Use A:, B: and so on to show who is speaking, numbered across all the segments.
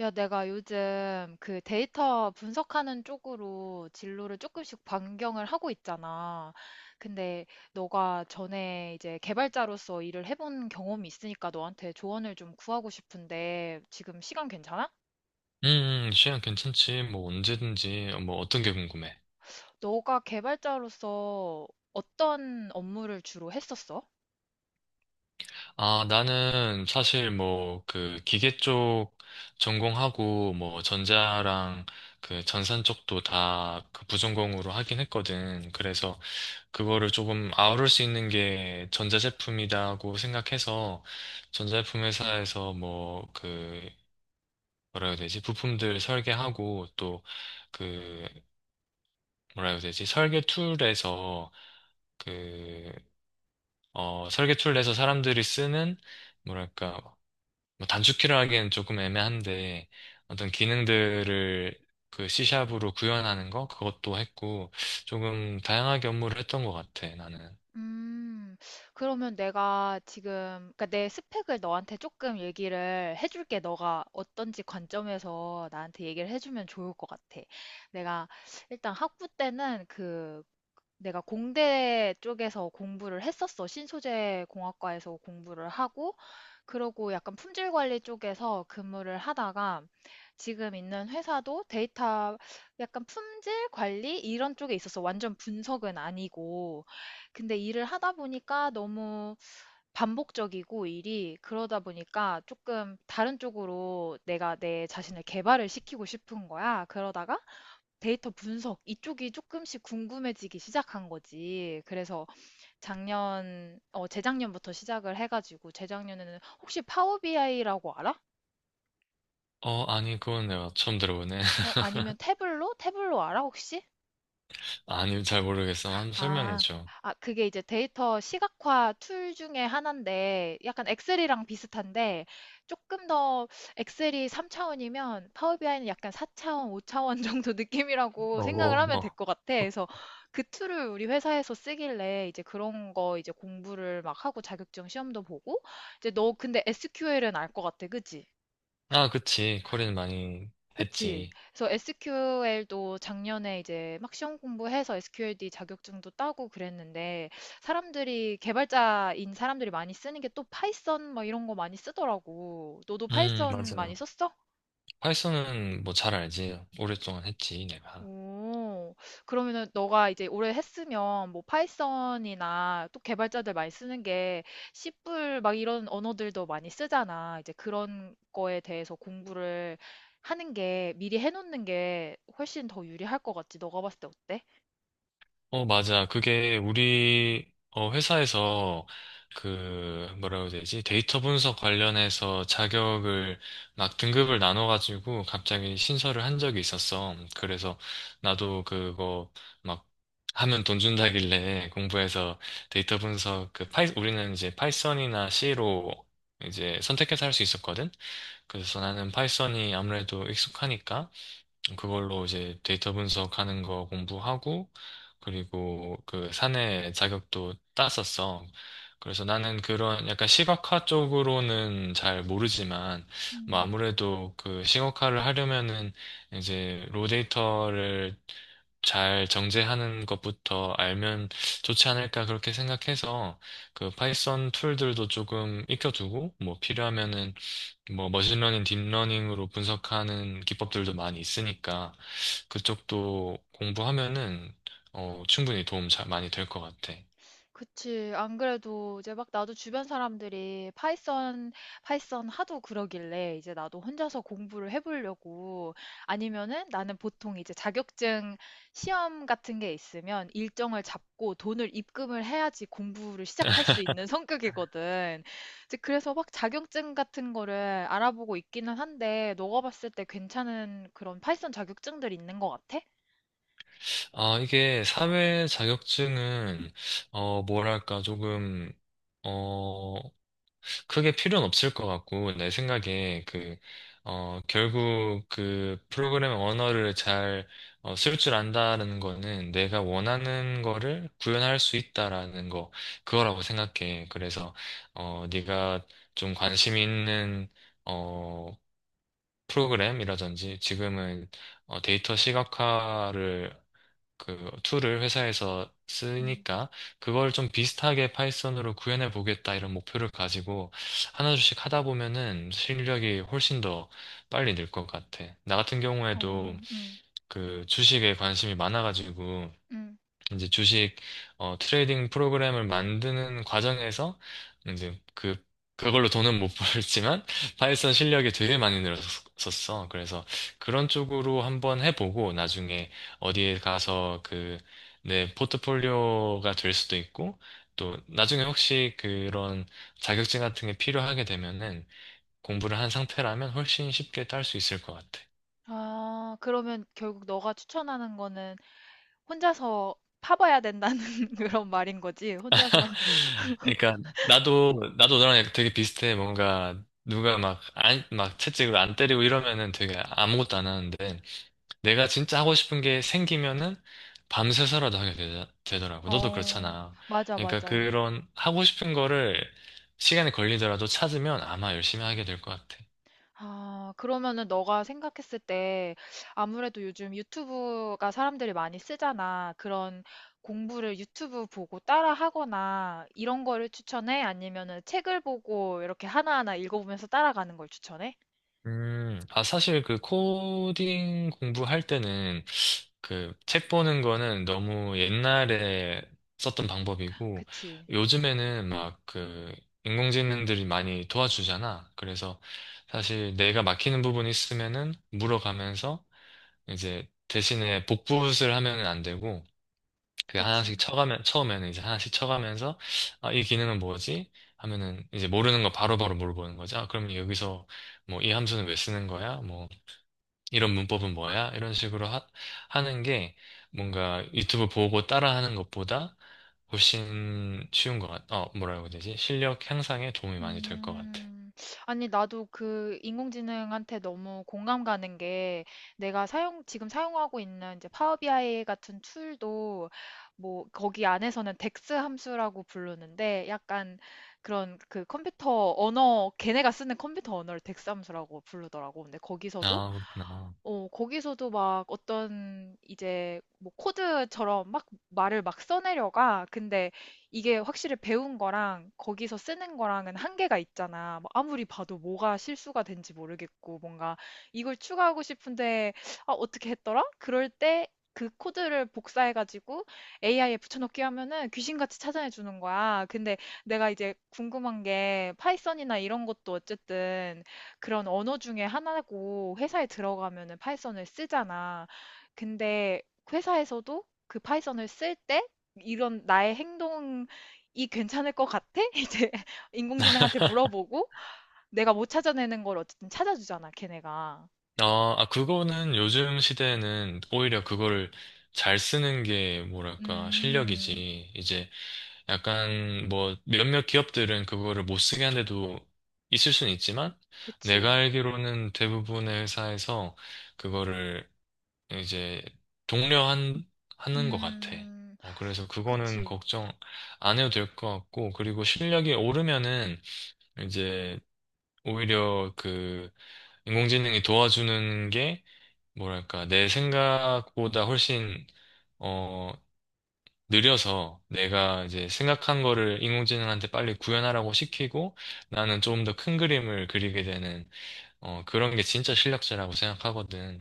A: 야, 내가 요즘 그 데이터 분석하는 쪽으로 진로를 조금씩 변경을 하고 있잖아. 근데 너가 전에 이제 개발자로서 일을 해본 경험이 있으니까 너한테 조언을 좀 구하고 싶은데 지금 시간 괜찮아?
B: 시간 괜찮지. 뭐, 언제든지. 뭐, 어떤 게 궁금해?
A: 너가 개발자로서 어떤 업무를 주로 했었어?
B: 아, 나는 사실 뭐, 그, 기계 쪽 전공하고, 뭐, 전자랑 그 전산 쪽도 다 그 부전공으로 하긴 했거든. 그래서 그거를 조금 아우를 수 있는 게 전자제품이다고 생각해서, 전자제품 회사에서 뭐, 그, 뭐라 해야 되지? 부품들 설계하고, 또, 그, 뭐라 해야 되지? 설계 툴에서, 그 설계초를 내서 사람들이 쓰는, 뭐랄까, 뭐 단축키를 하기엔 조금 애매한데, 어떤 기능들을 그 C샵으로 구현하는 거? 그것도 했고, 조금 다양하게 업무를 했던 것 같아, 나는.
A: 음, 그러면 내가 지금, 그러니까 내 스펙을 너한테 조금 얘기를 해줄게. 너가 어떤지 관점에서 나한테 얘기를 해주면 좋을 것 같아. 내가 일단 학부 때는 그 내가 공대 쪽에서 공부를 했었어. 신소재 공학과에서 공부를 하고, 그러고 약간 품질 관리 쪽에서 근무를 하다가 지금 있는 회사도 데이터, 약간 품질 관리 이런 쪽에 있어서 완전 분석은 아니고, 근데 일을 하다 보니까 너무 반복적이고 일이 그러다 보니까 조금 다른 쪽으로 내가 내 자신을 개발을 시키고 싶은 거야. 그러다가 데이터 분석 이쪽이 조금씩 궁금해지기 시작한 거지. 그래서 작년 어 재작년부터 시작을 해 가지고 재작년에는 "혹시 파워 BI라고 알아?"
B: 어, 아니, 그건 내가 처음 들어보네.
A: 아니면 "태블로? 태블로 알아 혹시?"
B: 아니, 잘 모르겠어. 한번
A: 아,
B: 설명해줘.
A: 아, 그게 이제 데이터 시각화 툴 중에 하나인데, 약간 엑셀이랑 비슷한데, 조금 더 엑셀이 3차원이면 파워비아이는 약간 4차원, 5차원 정도 느낌이라고
B: 어,
A: 생각을 하면 될
B: 어.
A: 것 같아. 그래서 그 툴을 우리 회사에서 쓰길래 이제 그런 거 이제 공부를 막 하고 자격증 시험도 보고, 이제 너 근데 SQL은 알 것 같아, 그지?
B: 아, 그치. 코린 많이
A: 그치.
B: 했지.
A: 그래서 SQL도 작년에 이제 막 시험 공부해서 SQLD 자격증도 따고 그랬는데 사람들이 개발자인 사람들이 많이 쓰는 게 또 파이썬 막 이런 거 많이 쓰더라고. 너도 파이썬
B: 맞아.
A: 많이 썼어?
B: 파이썬은 뭐 잘 알지. 오랫동안 했지, 내가.
A: 오, 그러면은 너가 이제 올해 했으면 뭐 파이썬이나 또 개발자들 많이 쓰는 게 C++ 막 이런 언어들도 많이 쓰잖아. 이제 그런 거에 대해서 공부를 하는 게 미리 해놓는 게 훨씬 더 유리할 것 같지. 너가 봤을 때 어때?
B: 어, 맞아. 그게 우리 어, 회사에서 그 뭐라고 해야 되지? 데이터 분석 관련해서 자격을 막 등급을 나눠가지고 갑자기 신설을 한 적이 있었어. 그래서 나도 그거 막 하면 돈 준다길래 공부해서 데이터 분석 그 파이 우리는 이제 파이썬이나 C로 이제 선택해서 할 수 있었거든. 그래서 나는 파이썬이 아무래도 익숙하니까 그걸로 이제 데이터 분석하는 거 공부하고, 그리고 그 사내 자격도 땄었어. 그래서 나는 그런 약간 시각화 쪽으로는 잘 모르지만, 뭐
A: 음.
B: 아무래도 그 시각화를 하려면은 이제 로 데이터를 잘 정제하는 것부터 알면 좋지 않을까 그렇게 생각해서 그 파이썬 툴들도 조금 익혀두고 뭐 필요하면은 뭐 머신러닝, 딥러닝으로 분석하는 기법들도 많이 있으니까 그쪽도 공부하면은 충분히 도움 잘 많이 될 것 같아.
A: 그치. 안 그래도 이제 막 나도 주변 사람들이 파이썬, 파이썬 하도 그러길래 이제 나도 혼자서 공부를 해보려고. 아니면은 나는 보통 이제 자격증 시험 같은 게 있으면 일정을 잡고 돈을 입금을 해야지 공부를 시작할 수 있는 성격이거든. 이제 그래서 막 자격증 같은 거를 알아보고 있기는 한데 너가 봤을 때 괜찮은 그런 파이썬 자격증들 있는 것 같아?
B: 아, 이게 사회 자격증은 뭐랄까 조금 어, 크게 필요는 없을 것 같고, 내 생각에 그, 결국 그 프로그램 언어를 잘, 쓸 줄 안다는 거는 내가 원하는 거를 구현할 수 있다라는 거, 그거라고 생각해. 그래서, 어, 네가 좀 관심 있는, 어, 프로그램이라든지 지금은 데이터 시각화를 그 툴을 회사에서
A: 음.
B: 쓰니까 그걸 좀 비슷하게 파이썬으로 구현해 보겠다 이런 목표를 가지고 하나씩 하다 보면은 실력이 훨씬 더 빨리 늘 것 같아. 나 같은 경우에도
A: 어, 음,
B: 그 주식에 관심이 많아가지고
A: 음.
B: 이제 주식 트레이딩 프로그램을 만드는 과정에서 이제 그 그걸로 돈은 못 벌지만 파이썬 실력이 되게 많이 늘었었어. 그래서 그런 쪽으로 한번 해보고 나중에 어디에 가서 그 내 포트폴리오가 될 수도 있고 또 나중에 혹시 그런 자격증 같은 게 필요하게 되면은 공부를 한 상태라면 훨씬 쉽게 딸 수 있을 것 같아.
A: 아, 그러면 결국 너가 추천하는 거는 혼자서 파봐야 된다는 그런 말인 거지? 혼자서.
B: 그러니까 나도 너랑 되게 비슷해. 뭔가 누가 막 안, 막 채찍을 안 때리고 이러면은 되게 아무것도 안 하는데 내가 진짜 하고 싶은 게 생기면은 밤새서라도 되더라고. 너도
A: 어,
B: 그렇잖아.
A: 맞아,
B: 그러니까
A: 맞아.
B: 그런 하고 싶은 거를 시간이 걸리더라도 찾으면 아마 열심히 하게 될 것 같아.
A: 아, 그러면은 너가 생각했을 때 아무래도 요즘 유튜브가 사람들이 많이 쓰잖아. 그런 공부를 유튜브 보고 따라 하거나 이런 거를 추천해? 아니면은 책을 보고 이렇게 하나하나 읽어보면서 따라가는 걸 추천해?
B: 아, 사실 그 코딩 공부할 때는 그 책 보는 거는 너무 옛날에 썼던 방법이고
A: 그치,
B: 요즘에는 막 그 인공지능들이 많이 도와주잖아. 그래서 사실 내가 막히는 부분이 있으면은 물어가면서 이제 대신에 복붙을 하면은 안 되고 그
A: 그치.
B: 하나씩 쳐가면 처음에는 이제 하나씩 쳐가면서 아, 이 기능은 뭐지? 하면은 이제 모르는 거 바로바로 물어보는 거죠. 아, 그럼 여기서 뭐 이 함수는 왜 쓰는 거야? 뭐 이런 문법은 뭐야? 이런 식으로 하는 게 뭔가 유튜브 보고 따라하는 것보다 훨씬 어, 뭐라고 해야 되지? 실력 향상에 도움이 많이 될 것 같아.
A: 음. 아니, 나도 그 인공지능한테 너무 공감 가는 게 내가 사용, 지금 사용하고 있는 이제 파워비아이 같은 툴도 뭐 거기 안에서는 덱스 함수라고 부르는데 약간 그런 그 컴퓨터 언어, 걔네가 쓰는 컴퓨터 언어를 덱스 함수라고 부르더라고. 근데 거기서도,
B: 아, 그렇구나.
A: 거기서도 막 어떤 이제 뭐 코드처럼 막 말을 막 써내려가. 근데 이게 확실히 배운 거랑 거기서 쓰는 거랑은 한계가 있잖아. 뭐 아무리 봐도 뭐가 실수가 된지 모르겠고, 뭔가 이걸 추가하고 싶은데, 아, 어떻게 했더라? 그럴 때 그 코드를 복사해가지고 AI에 붙여넣기 하면은 귀신같이 찾아내 주는 거야. 근데 내가 이제 궁금한 게 파이썬이나 이런 것도 어쨌든 그런 언어 중에 하나고 회사에 들어가면은 파이썬을 쓰잖아. 근데 회사에서도 그 파이썬을 쓸때 이런 나의 행동이 괜찮을 것 같아? 이제 인공지능한테 물어보고 내가 못 찾아내는 걸 어쨌든 찾아주잖아, 걔네가.
B: 어, 아, 그거는 요즘 시대에는 오히려 그거를 잘 쓰는 게 뭐랄까,
A: 음,
B: 실력이지. 이제 약간 뭐 몇몇 기업들은 그거를 못 쓰게 한 데도 있을 수는 있지만 내가
A: 그치.
B: 알기로는 대부분의 회사에서 그거를 이제 독려한 하는 것 같아.
A: 음,
B: 그래서 그거는
A: 그치.
B: 걱정 안 해도 될 것 같고 그리고 실력이 오르면은 이제 오히려 그 인공지능이 도와주는 게 뭐랄까 내 생각보다 훨씬 어, 느려서 내가 이제 생각한 거를 인공지능한테 빨리 구현하라고 시키고 나는 조금 더 큰 그림을 그리게 되는 그런 게 진짜 실력자라고 생각하거든.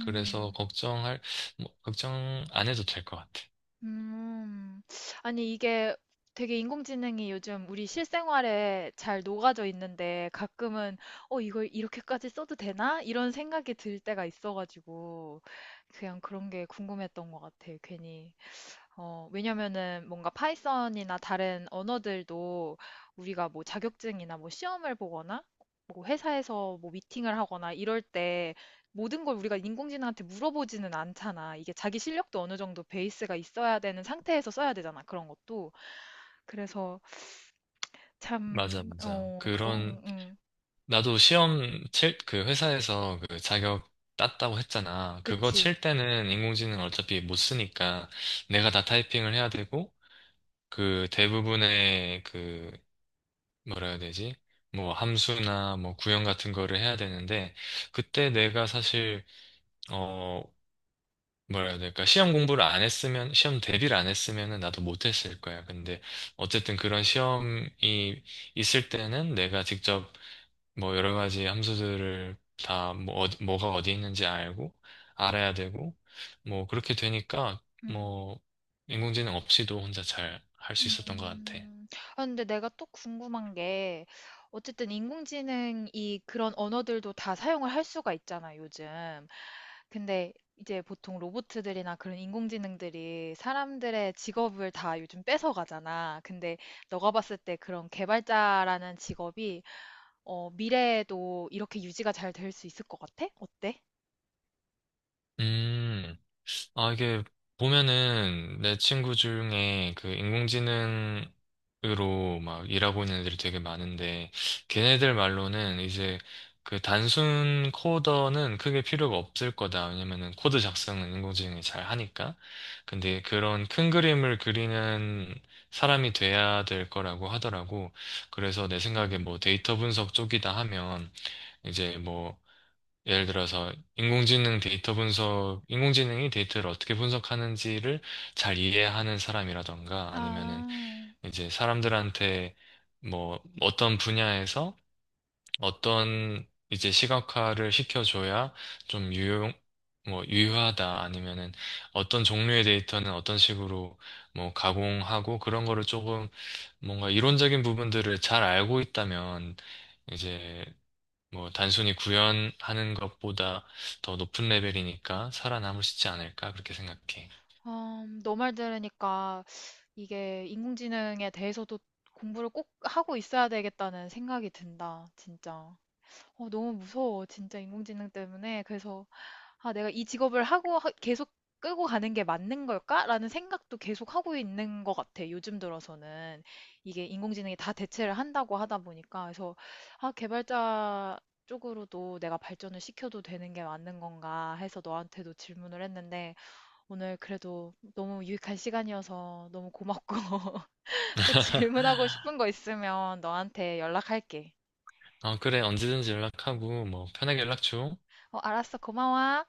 B: 그래서 걱정할 뭐, 걱정 안 해도 될 것 같아.
A: 음. 아니, 이게 되게 인공지능이 요즘 우리 실생활에 잘 녹아져 있는데 가끔은, 어, 이걸 이렇게까지 써도 되나? 이런 생각이 들 때가 있어가지고, 그냥 그런 게 궁금했던 것 같아, 괜히. 어, 왜냐면은 뭔가 파이썬이나 다른 언어들도 우리가 뭐 자격증이나 뭐 시험을 보거나 뭐 회사에서 뭐 미팅을 하거나 이럴 때 모든 걸 우리가 인공지능한테 물어보지는 않잖아. 이게 자기 실력도 어느 정도 베이스가 있어야 되는 상태에서 써야 되잖아. 그런 것도. 그래서
B: 맞아,
A: 참,
B: 맞아.
A: 그런,
B: 그런
A: 음,
B: 나도 시험 칠 그 회사에서 그 자격 땄다고 했잖아. 그거
A: 그치.
B: 칠 때는 인공지능 어차피 못 쓰니까 내가 다 타이핑을 해야 되고 그 대부분의 그 뭐라 해야 되지? 뭐 함수나 뭐 구형 같은 거를 해야 되는데 그때 내가 사실 어 뭐라 해야 될까? 시험 대비를 안 했으면은 나도 못 했을 거야. 근데 어쨌든 그런 시험이 있을 때는 내가 직접 뭐 여러 가지 함수들을 다 뭐 뭐가 어디 있는지 알고 알아야 되고 뭐 그렇게 되니까
A: 음.
B: 뭐 인공지능 없이도 혼자 잘 할 수 있었던 것 같아.
A: 음. 아, 근데 내가 또 궁금한 게, 어쨌든 인공지능이 그런 언어들도 다 사용을 할 수가 있잖아, 요즘. 근데 이제 보통 로봇들이나 그런 인공지능들이 사람들의 직업을 다 요즘 뺏어가잖아. 근데 너가 봤을 때 그런 개발자라는 직업이 어, 미래에도 이렇게 유지가 잘 될 수 있을 것 같아? 어때?
B: 음. 아, 이게 보면은 내 친구 중에 그 인공지능으로 막 일하고 있는 애들이 되게 많은데, 걔네들 말로는 이제 그 단순 코더는 크게 필요가 없을 거다. 왜냐면은 코드 작성은 인공지능이 잘 하니까. 근데 그런 큰 그림을 그리는 사람이 돼야 될 거라고 하더라고. 그래서 내 생각에 뭐
A: 음.
B: 데이터 분석 쪽이다 하면 이제 뭐 예를 들어서 인공지능이 데이터를 어떻게 분석하는지를 잘 이해하는 사람이라던가 아니면은
A: 아,
B: 이제 사람들한테 뭐 어떤 분야에서 어떤 이제 시각화를 시켜줘야 좀 유용, 뭐 유효하다 아니면은 어떤 종류의 데이터는 어떤 식으로 뭐 가공하고 그런 거를 조금 뭔가 이론적인 부분들을 잘 알고 있다면 이제 뭐 단순히 구현하는 것보다 더 높은 레벨이니까 살아남을 수 있지 않을까 그렇게 생각해.
A: 너말 들으니까 이게 인공지능에 대해서도 공부를 꼭 하고 있어야 되겠다는 생각이 든다, 진짜. 어, 너무 무서워, 진짜 인공지능 때문에. 그래서, 아, 내가 이 직업을 하고 계속 끌고 가는 게 맞는 걸까? 라는 생각도 계속 하고 있는 것 같아, 요즘 들어서는. 이게 인공지능이 다 대체를 한다고 하다 보니까. 그래서, 아, 개발자 쪽으로도 내가 발전을 시켜도 되는 게 맞는 건가 해서 너한테도 질문을 했는데, 오늘 그래도 너무 유익한 시간이어서 너무 고맙고. 또 질문하고 싶은 거 있으면 너한테 연락할게.
B: 어, 그래 언제든지 연락하고 뭐 편하게 연락 줘.
A: 어, 알았어. 고마워.